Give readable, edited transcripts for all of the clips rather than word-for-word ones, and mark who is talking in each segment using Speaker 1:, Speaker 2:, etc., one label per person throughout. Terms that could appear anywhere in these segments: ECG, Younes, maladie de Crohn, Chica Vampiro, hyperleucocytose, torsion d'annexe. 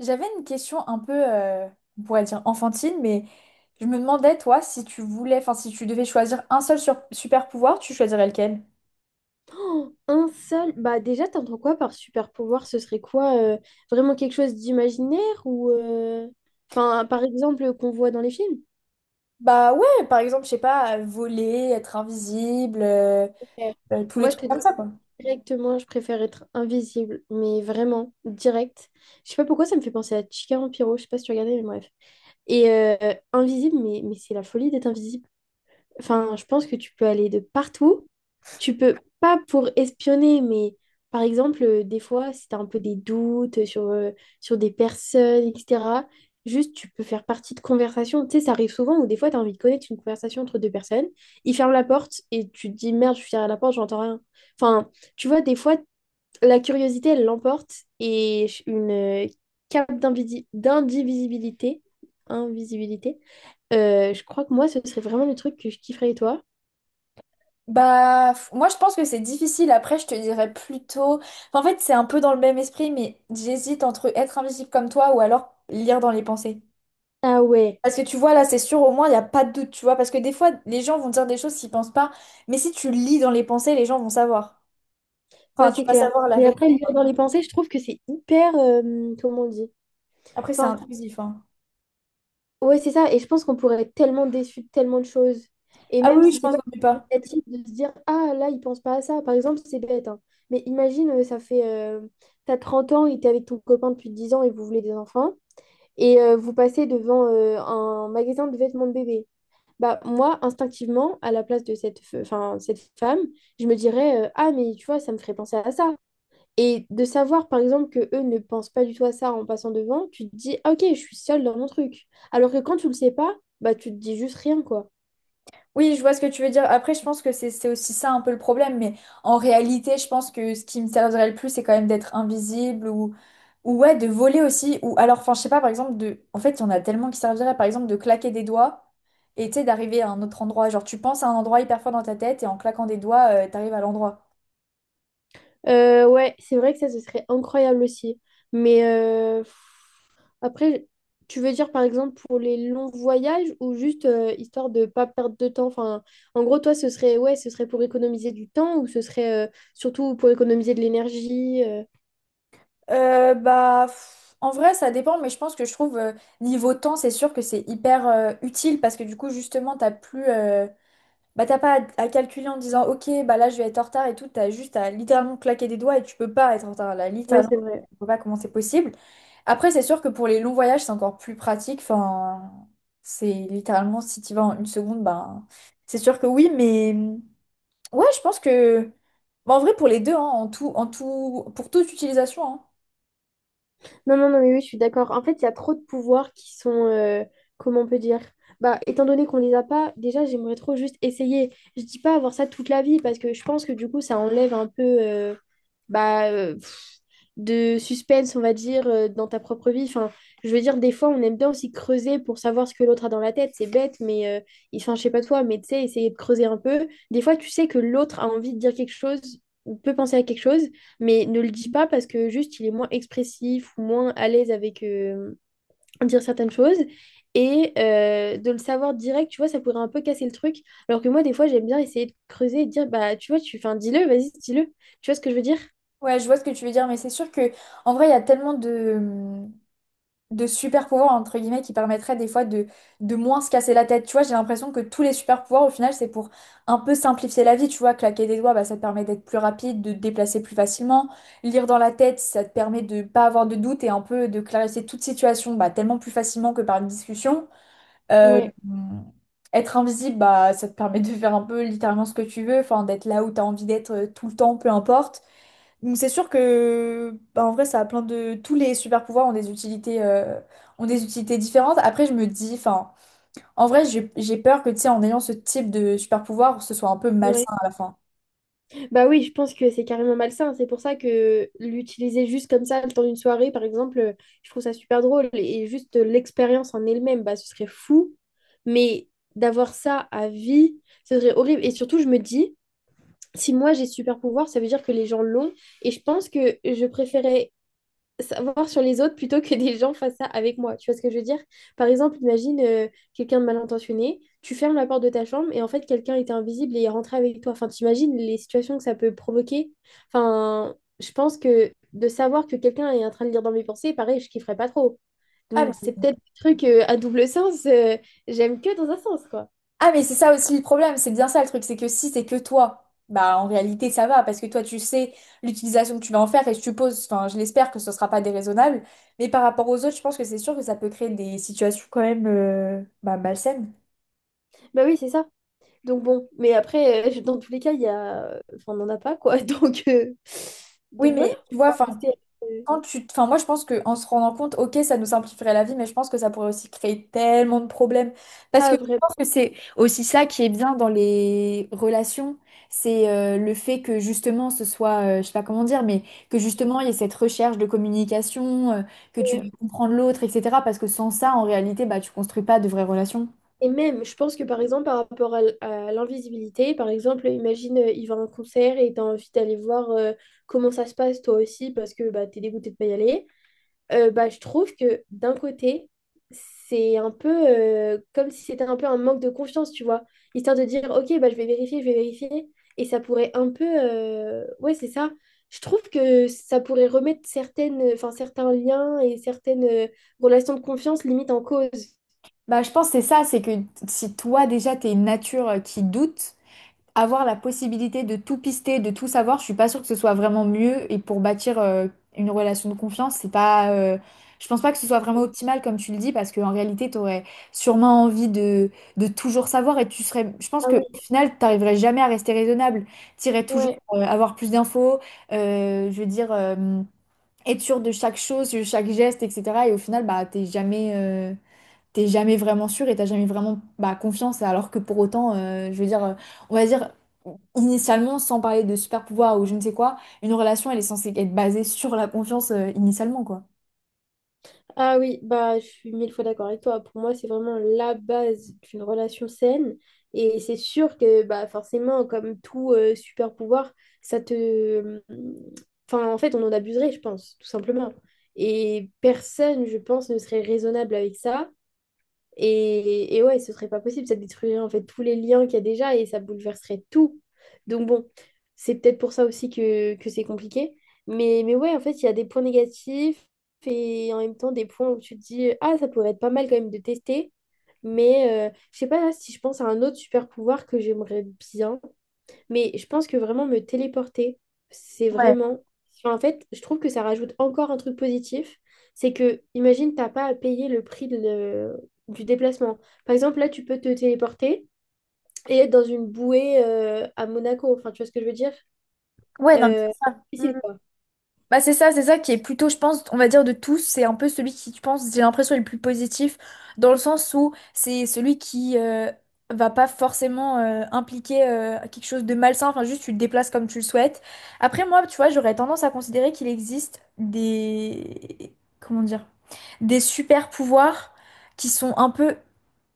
Speaker 1: J'avais une question un peu, on pourrait dire enfantine, mais je me demandais, toi, si tu voulais, enfin, si tu devais choisir un seul super pouvoir, tu choisirais lequel?
Speaker 2: Un seul, bah déjà, t'entends quoi par super pouvoir? Ce serait quoi? Vraiment quelque chose d'imaginaire ou enfin, par exemple, qu'on voit dans les films?
Speaker 1: Bah ouais, par exemple, je sais pas, voler, être invisible,
Speaker 2: Ok.
Speaker 1: tous les
Speaker 2: Moi, je
Speaker 1: trucs
Speaker 2: te dis
Speaker 1: comme ça, quoi.
Speaker 2: directement, je préfère être invisible, mais vraiment direct. Je sais pas pourquoi ça me fait penser à Chica Vampiro, je sais pas si tu regardais, mais bref. Et invisible, mais c'est la folie d'être invisible. Enfin, je pense que tu peux aller de partout. Tu peux, pas pour espionner, mais par exemple, des fois, si tu as un peu des doutes sur, sur des personnes, etc., juste tu peux faire partie de conversations. Tu sais, ça arrive souvent où des fois, tu as envie de connaître une conversation entre deux personnes, ils ferment la porte et tu te dis, merde, je suis derrière la porte, j'entends rien. Enfin, tu vois, des fois, la curiosité, elle l'emporte et une cape d'indivisibilité, invisibilité. Je crois que moi, ce serait vraiment le truc que je kifferais et toi.
Speaker 1: Bah, moi, je pense que c'est difficile. Après, je te dirais plutôt. Enfin, en fait, c'est un peu dans le même esprit, mais j'hésite entre être invisible comme toi ou alors lire dans les pensées.
Speaker 2: Ah ouais,
Speaker 1: Parce que tu vois, là, c'est sûr, au moins, il n'y a pas de doute, tu vois. Parce que des fois, les gens vont dire des choses s'ils pensent pas. Mais si tu lis dans les pensées, les gens vont savoir.
Speaker 2: moi
Speaker 1: Enfin, tu
Speaker 2: c'est
Speaker 1: vas
Speaker 2: clair.
Speaker 1: savoir la
Speaker 2: Mais après,
Speaker 1: vérité.
Speaker 2: lire
Speaker 1: Quoi.
Speaker 2: dans les pensées, je trouve que c'est hyper, comment on dit?
Speaker 1: Après, c'est
Speaker 2: Enfin,
Speaker 1: intrusif, hein.
Speaker 2: ouais, c'est ça. Et je pense qu'on pourrait être tellement déçu de tellement de choses. Et
Speaker 1: Ah
Speaker 2: même
Speaker 1: oui, oui, je
Speaker 2: si c'est
Speaker 1: pense
Speaker 2: pas
Speaker 1: qu'on n'est pas.
Speaker 2: négatif de se dire, ah là, il pense pas à ça. Par exemple, c'est bête, hein. Mais imagine, ça fait, t'as 30 ans et t'es avec ton copain depuis 10 ans et vous voulez des enfants. Et vous passez devant un magasin de vêtements de bébé. Bah, moi, instinctivement, à la place de cette, enfin, cette femme, je me dirais, ah, mais tu vois, ça me ferait penser à ça. Et de savoir, par exemple, que eux ne pensent pas du tout à ça en passant devant, tu te dis, ah, ok, je suis seule dans mon truc. Alors que quand tu le sais pas, bah, tu te dis juste rien, quoi.
Speaker 1: Oui, je vois ce que tu veux dire. Après, je pense que c'est aussi ça un peu le problème. Mais en réalité, je pense que ce qui me servirait le plus, c'est quand même d'être invisible ou ouais, de voler aussi. Ou alors, enfin, je sais pas, par exemple, de En fait, il y en a tellement qui serviraient, par exemple, de claquer des doigts. Et tu sais, d'arriver à un autre endroit. Genre, tu penses à un endroit hyper fort dans ta tête et en claquant des doigts, t'arrives à l'endroit.
Speaker 2: Ouais, c'est vrai que ça, ce serait incroyable aussi. Mais après, tu veux dire par exemple pour les longs voyages ou juste histoire de pas perdre de temps? Enfin, en gros, toi, ce serait ouais, ce serait pour économiser du temps ou ce serait surtout pour économiser de l'énergie?
Speaker 1: En vrai, ça dépend, mais je pense que je trouve niveau temps, c'est sûr que c'est hyper utile parce que du coup, justement, t'as plus, bah, t'as pas à calculer en disant, ok, bah là, je vais être en retard et tout. T'as juste à littéralement claquer des doigts et tu peux pas être en retard. Là,
Speaker 2: Ouais,
Speaker 1: littéralement,
Speaker 2: c'est vrai.
Speaker 1: je vois pas comment c'est possible. Après, c'est sûr que pour les longs voyages, c'est encore plus pratique. Enfin, c'est littéralement si tu vas en une seconde, ben c'est sûr que oui, mais ouais, je pense que, bah, en vrai, pour les deux, hein, en tout, pour toute utilisation, hein.
Speaker 2: Non, non, non, mais oui, je suis d'accord. En fait, il y a trop de pouvoirs qui sont, comment on peut dire? Bah, étant donné qu'on les a pas, déjà, j'aimerais trop juste essayer. Je dis pas avoir ça toute la vie parce que je pense que du coup, ça enlève un peu. Bah, euh, de suspense, on va dire, dans ta propre vie. Enfin, je veux dire, des fois, on aime bien aussi creuser pour savoir ce que l'autre a dans la tête. C'est bête, mais enfin, je sais pas toi, mais tu sais, essayer de creuser un peu. Des fois, tu sais que l'autre a envie de dire quelque chose ou peut penser à quelque chose, mais ne le dit pas parce que juste, il est moins expressif ou moins à l'aise avec dire certaines choses. Et de le savoir direct, tu vois, ça pourrait un peu casser le truc. Alors que moi, des fois, j'aime bien essayer de creuser et de dire, bah, tu vois, enfin, dis-le, vas-y, dis-le. Tu vois ce que je veux dire?
Speaker 1: Ouais, je vois ce que tu veux dire, mais c'est sûr que en vrai, il y a tellement de super pouvoirs entre guillemets qui permettraient des fois de moins se casser la tête. Tu vois, j'ai l'impression que tous les super pouvoirs, au final, c'est pour un peu simplifier la vie. Tu vois, claquer des doigts, bah, ça te permet d'être plus rapide, de te déplacer plus facilement. Lire dans la tête, ça te permet de pas avoir de doute et un peu de clarifier toute situation, bah, tellement plus facilement que par une discussion. Euh,
Speaker 2: Ouais,
Speaker 1: être invisible, bah, ça te permet de faire un peu littéralement ce que tu veux, enfin, d'être là où tu as envie d'être tout le temps, peu importe. Donc c'est sûr que bah, en vrai ça a plein de tous les super pouvoirs ont des utilités ont des utilités différentes. Après je me dis enfin en vrai j'ai peur que tu sais en ayant ce type de super pouvoir ce soit un peu
Speaker 2: ouais.
Speaker 1: malsain à la fin.
Speaker 2: Bah oui, je pense que c'est carrément malsain. C'est pour ça que l'utiliser juste comme ça, le temps d'une soirée, par exemple, je trouve ça super drôle. Et juste l'expérience en elle-même, bah, ce serait fou. Mais d'avoir ça à vie, ce serait horrible. Et surtout, je me dis, si moi j'ai ce super pouvoir, ça veut dire que les gens l'ont. Et je pense que je préférais savoir sur les autres plutôt que des gens fassent ça avec moi. Tu vois ce que je veux dire? Par exemple, imagine quelqu'un de mal intentionné, tu fermes la porte de ta chambre et en fait quelqu'un était invisible et est rentré avec toi. Enfin, t'imagines les situations que ça peut provoquer? Enfin, je pense que de savoir que quelqu'un est en train de lire dans mes pensées, pareil, je kifferais pas trop.
Speaker 1: Ah
Speaker 2: Donc
Speaker 1: mais,
Speaker 2: c'est peut-être des trucs à double sens, j'aime que dans un sens, quoi.
Speaker 1: ah, mais c'est ça aussi le problème, c'est bien ça le truc, c'est que si c'est que toi, bah en réalité ça va parce que toi tu sais l'utilisation que tu vas en faire et je suppose enfin je l'espère que ce sera pas déraisonnable, mais par rapport aux autres, je pense que c'est sûr que ça peut créer des situations quand même bah, malsaines.
Speaker 2: Bah oui, c'est ça. Donc bon, mais après, dans tous les cas, il y a... Enfin, on n'en a pas, quoi. Donc,
Speaker 1: Oui,
Speaker 2: donc voilà,
Speaker 1: mais tu
Speaker 2: on
Speaker 1: vois,
Speaker 2: va
Speaker 1: enfin,
Speaker 2: rester... euh,
Speaker 1: quand tu Enfin, moi, je pense qu'en se rendant compte, ok, ça nous simplifierait la vie, mais je pense que ça pourrait aussi créer tellement de problèmes. Parce
Speaker 2: Ah,
Speaker 1: que je
Speaker 2: vraiment.
Speaker 1: pense que c'est aussi ça qui est bien dans les relations, c'est le fait que justement ce soit, je sais pas comment dire, mais que justement il y ait cette recherche de communication, que tu
Speaker 2: Et
Speaker 1: veux comprendre l'autre, etc. Parce que sans ça, en réalité, bah, tu construis pas de vraies relations.
Speaker 2: et même, je pense que par exemple, par rapport à à l'invisibilité, par exemple, imagine, il va à un concert et t'as envie d'aller voir comment ça se passe toi aussi parce que bah, t'es dégoûté de pas y aller. Bah, je trouve que d'un côté, c'est un peu comme si c'était un peu un manque de confiance, tu vois. Histoire de dire, ok, bah, je vais vérifier, je vais vérifier. Et ça pourrait un peu... Ouais, c'est ça. Je trouve que ça pourrait remettre certaines, enfin, certains liens et certaines relations de confiance limite en cause.
Speaker 1: Bah, je pense que c'est ça, c'est que si toi déjà t'es une nature qui doute, avoir la possibilité de tout pister, de tout savoir, je suis pas sûre que ce soit vraiment mieux. Et pour bâtir une relation de confiance, c'est pas, je pense pas que ce soit vraiment optimal comme tu le dis, parce qu'en réalité, tu aurais sûrement envie de toujours savoir et tu serais, je pense
Speaker 2: Ah
Speaker 1: que
Speaker 2: oui,
Speaker 1: au final, t'arriverais jamais à rester raisonnable. T'irais toujours
Speaker 2: ouais.
Speaker 1: avoir plus d'infos, je veux dire, être sûr de chaque chose, de chaque geste, etc. Et au final, bah, t'es jamais vraiment sûr et t'as jamais vraiment bah, confiance. Alors que pour autant, je veux dire, on va dire, initialement, sans parler de super pouvoir ou je ne sais quoi, une relation, elle est censée être basée sur la confiance, initialement, quoi.
Speaker 2: Ah oui, bah, je suis mille fois d'accord avec toi. Pour moi, c'est vraiment la base d'une relation saine. Et c'est sûr que bah, forcément, comme tout super pouvoir, ça te... Enfin, en fait, on en abuserait, je pense, tout simplement. Et personne, je pense, ne serait raisonnable avec ça. Et ouais, ce serait pas possible, ça détruirait en fait tous les liens qu'il y a déjà et ça bouleverserait tout. Donc bon, c'est peut-être pour ça aussi que c'est compliqué. Mais ouais, en fait, il y a des points négatifs et en même temps des points où tu te dis, ah, ça pourrait être pas mal quand même de tester. Mais je sais pas là, si je pense à un autre super pouvoir que j'aimerais bien. Mais je pense que vraiment me téléporter, c'est
Speaker 1: Ouais,
Speaker 2: vraiment... Enfin, en fait, je trouve que ça rajoute encore un truc positif. C'est que, imagine, t'as pas à payer le prix de du déplacement. Par exemple, là, tu peux te téléporter et être dans une bouée à Monaco. Enfin, tu vois ce que je veux dire?
Speaker 1: ouais, non, mais
Speaker 2: Euh,
Speaker 1: c'est ça.
Speaker 2: Piscine, quoi.
Speaker 1: Bah c'est ça qui est plutôt, je pense, on va dire de tous, c'est un peu celui qui, je pense, j'ai l'impression est le plus positif, dans le sens où c'est celui qui va pas forcément impliquer quelque chose de malsain, enfin juste tu le déplaces comme tu le souhaites. Après moi, tu vois, j'aurais tendance à considérer qu'il existe des comment dire? Des super pouvoirs qui sont un peu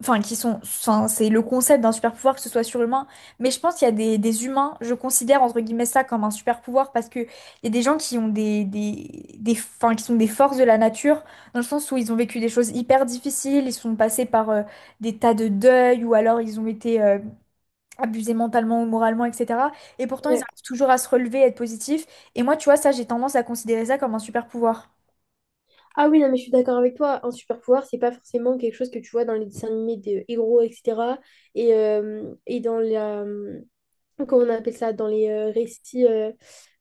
Speaker 1: enfin qui sont enfin, c'est le concept d'un super pouvoir que ce soit surhumain mais je pense qu'il y a des humains je considère entre guillemets ça comme un super pouvoir parce que il y a des gens qui ont enfin, qui sont des forces de la nature, dans le sens où ils ont vécu des choses hyper difficiles, ils sont passés par des tas de deuils, ou alors ils ont été abusés mentalement ou moralement, etc. Et pourtant, ils
Speaker 2: Ouais.
Speaker 1: arrivent toujours à se relever, à être positifs. Et moi, tu vois, ça, j'ai tendance à considérer ça comme un super pouvoir.
Speaker 2: Ah oui, non, mais je suis d'accord avec toi. Un super pouvoir, c'est pas forcément quelque chose que tu vois dans les dessins animés des héros, etc. Et dans la... Comment on appelle ça? Dans les récits... euh,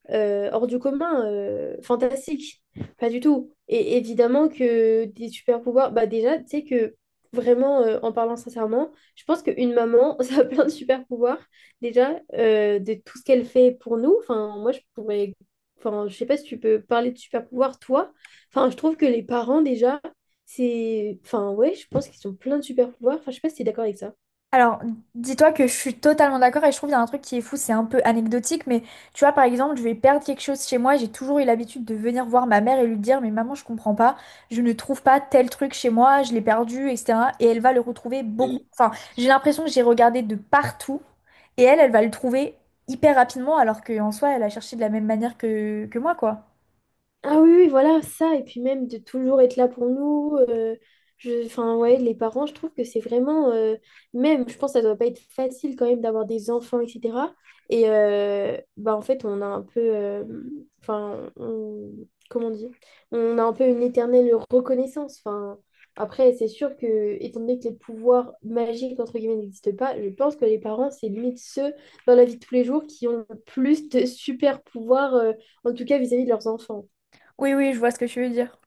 Speaker 2: euh, hors du commun, fantastique. Pas du tout. Et évidemment que des super pouvoirs, bah déjà, tu sais que vraiment, en parlant sincèrement, je pense qu'une maman, ça a plein de super pouvoirs. Déjà, de tout ce qu'elle fait pour nous. Enfin, moi, je pourrais. Enfin, je sais pas si tu peux parler de super pouvoirs, toi. Enfin, je trouve que les parents, déjà, c'est. Enfin, ouais, je pense qu'ils ont plein de super pouvoirs. Enfin, je sais pas si tu es d'accord avec ça.
Speaker 1: Alors, dis-toi que je suis totalement d'accord et je trouve qu'il y a un truc qui est fou, c'est un peu anecdotique, mais tu vois, par exemple, je vais perdre quelque chose chez moi, j'ai toujours eu l'habitude de venir voir ma mère et lui dire, mais maman, je comprends pas, je ne trouve pas tel truc chez moi, je l'ai perdu, etc. Et elle va le retrouver beaucoup.
Speaker 2: Mm.
Speaker 1: Enfin, j'ai l'impression que j'ai regardé de partout et elle, elle va le trouver hyper rapidement alors qu'en soi, elle a cherché de la même manière que moi, quoi.
Speaker 2: Ah oui, oui, voilà, ça, et puis même de toujours être là pour nous. Je, enfin, ouais, les parents, je trouve que c'est vraiment, même, je pense que ça doit pas être facile quand même d'avoir des enfants, etc. Et bah, en fait, on a un peu, enfin, comment dire, on a un peu une éternelle reconnaissance. Enfin, après, c'est sûr que, étant donné que les pouvoirs magiques, entre guillemets, n'existent pas, je pense que les parents, c'est limite ceux dans la vie de tous les jours qui ont le plus de super pouvoirs, en tout cas vis-à-vis de leurs enfants.
Speaker 1: Oui, oui, je vois ce que tu veux dire.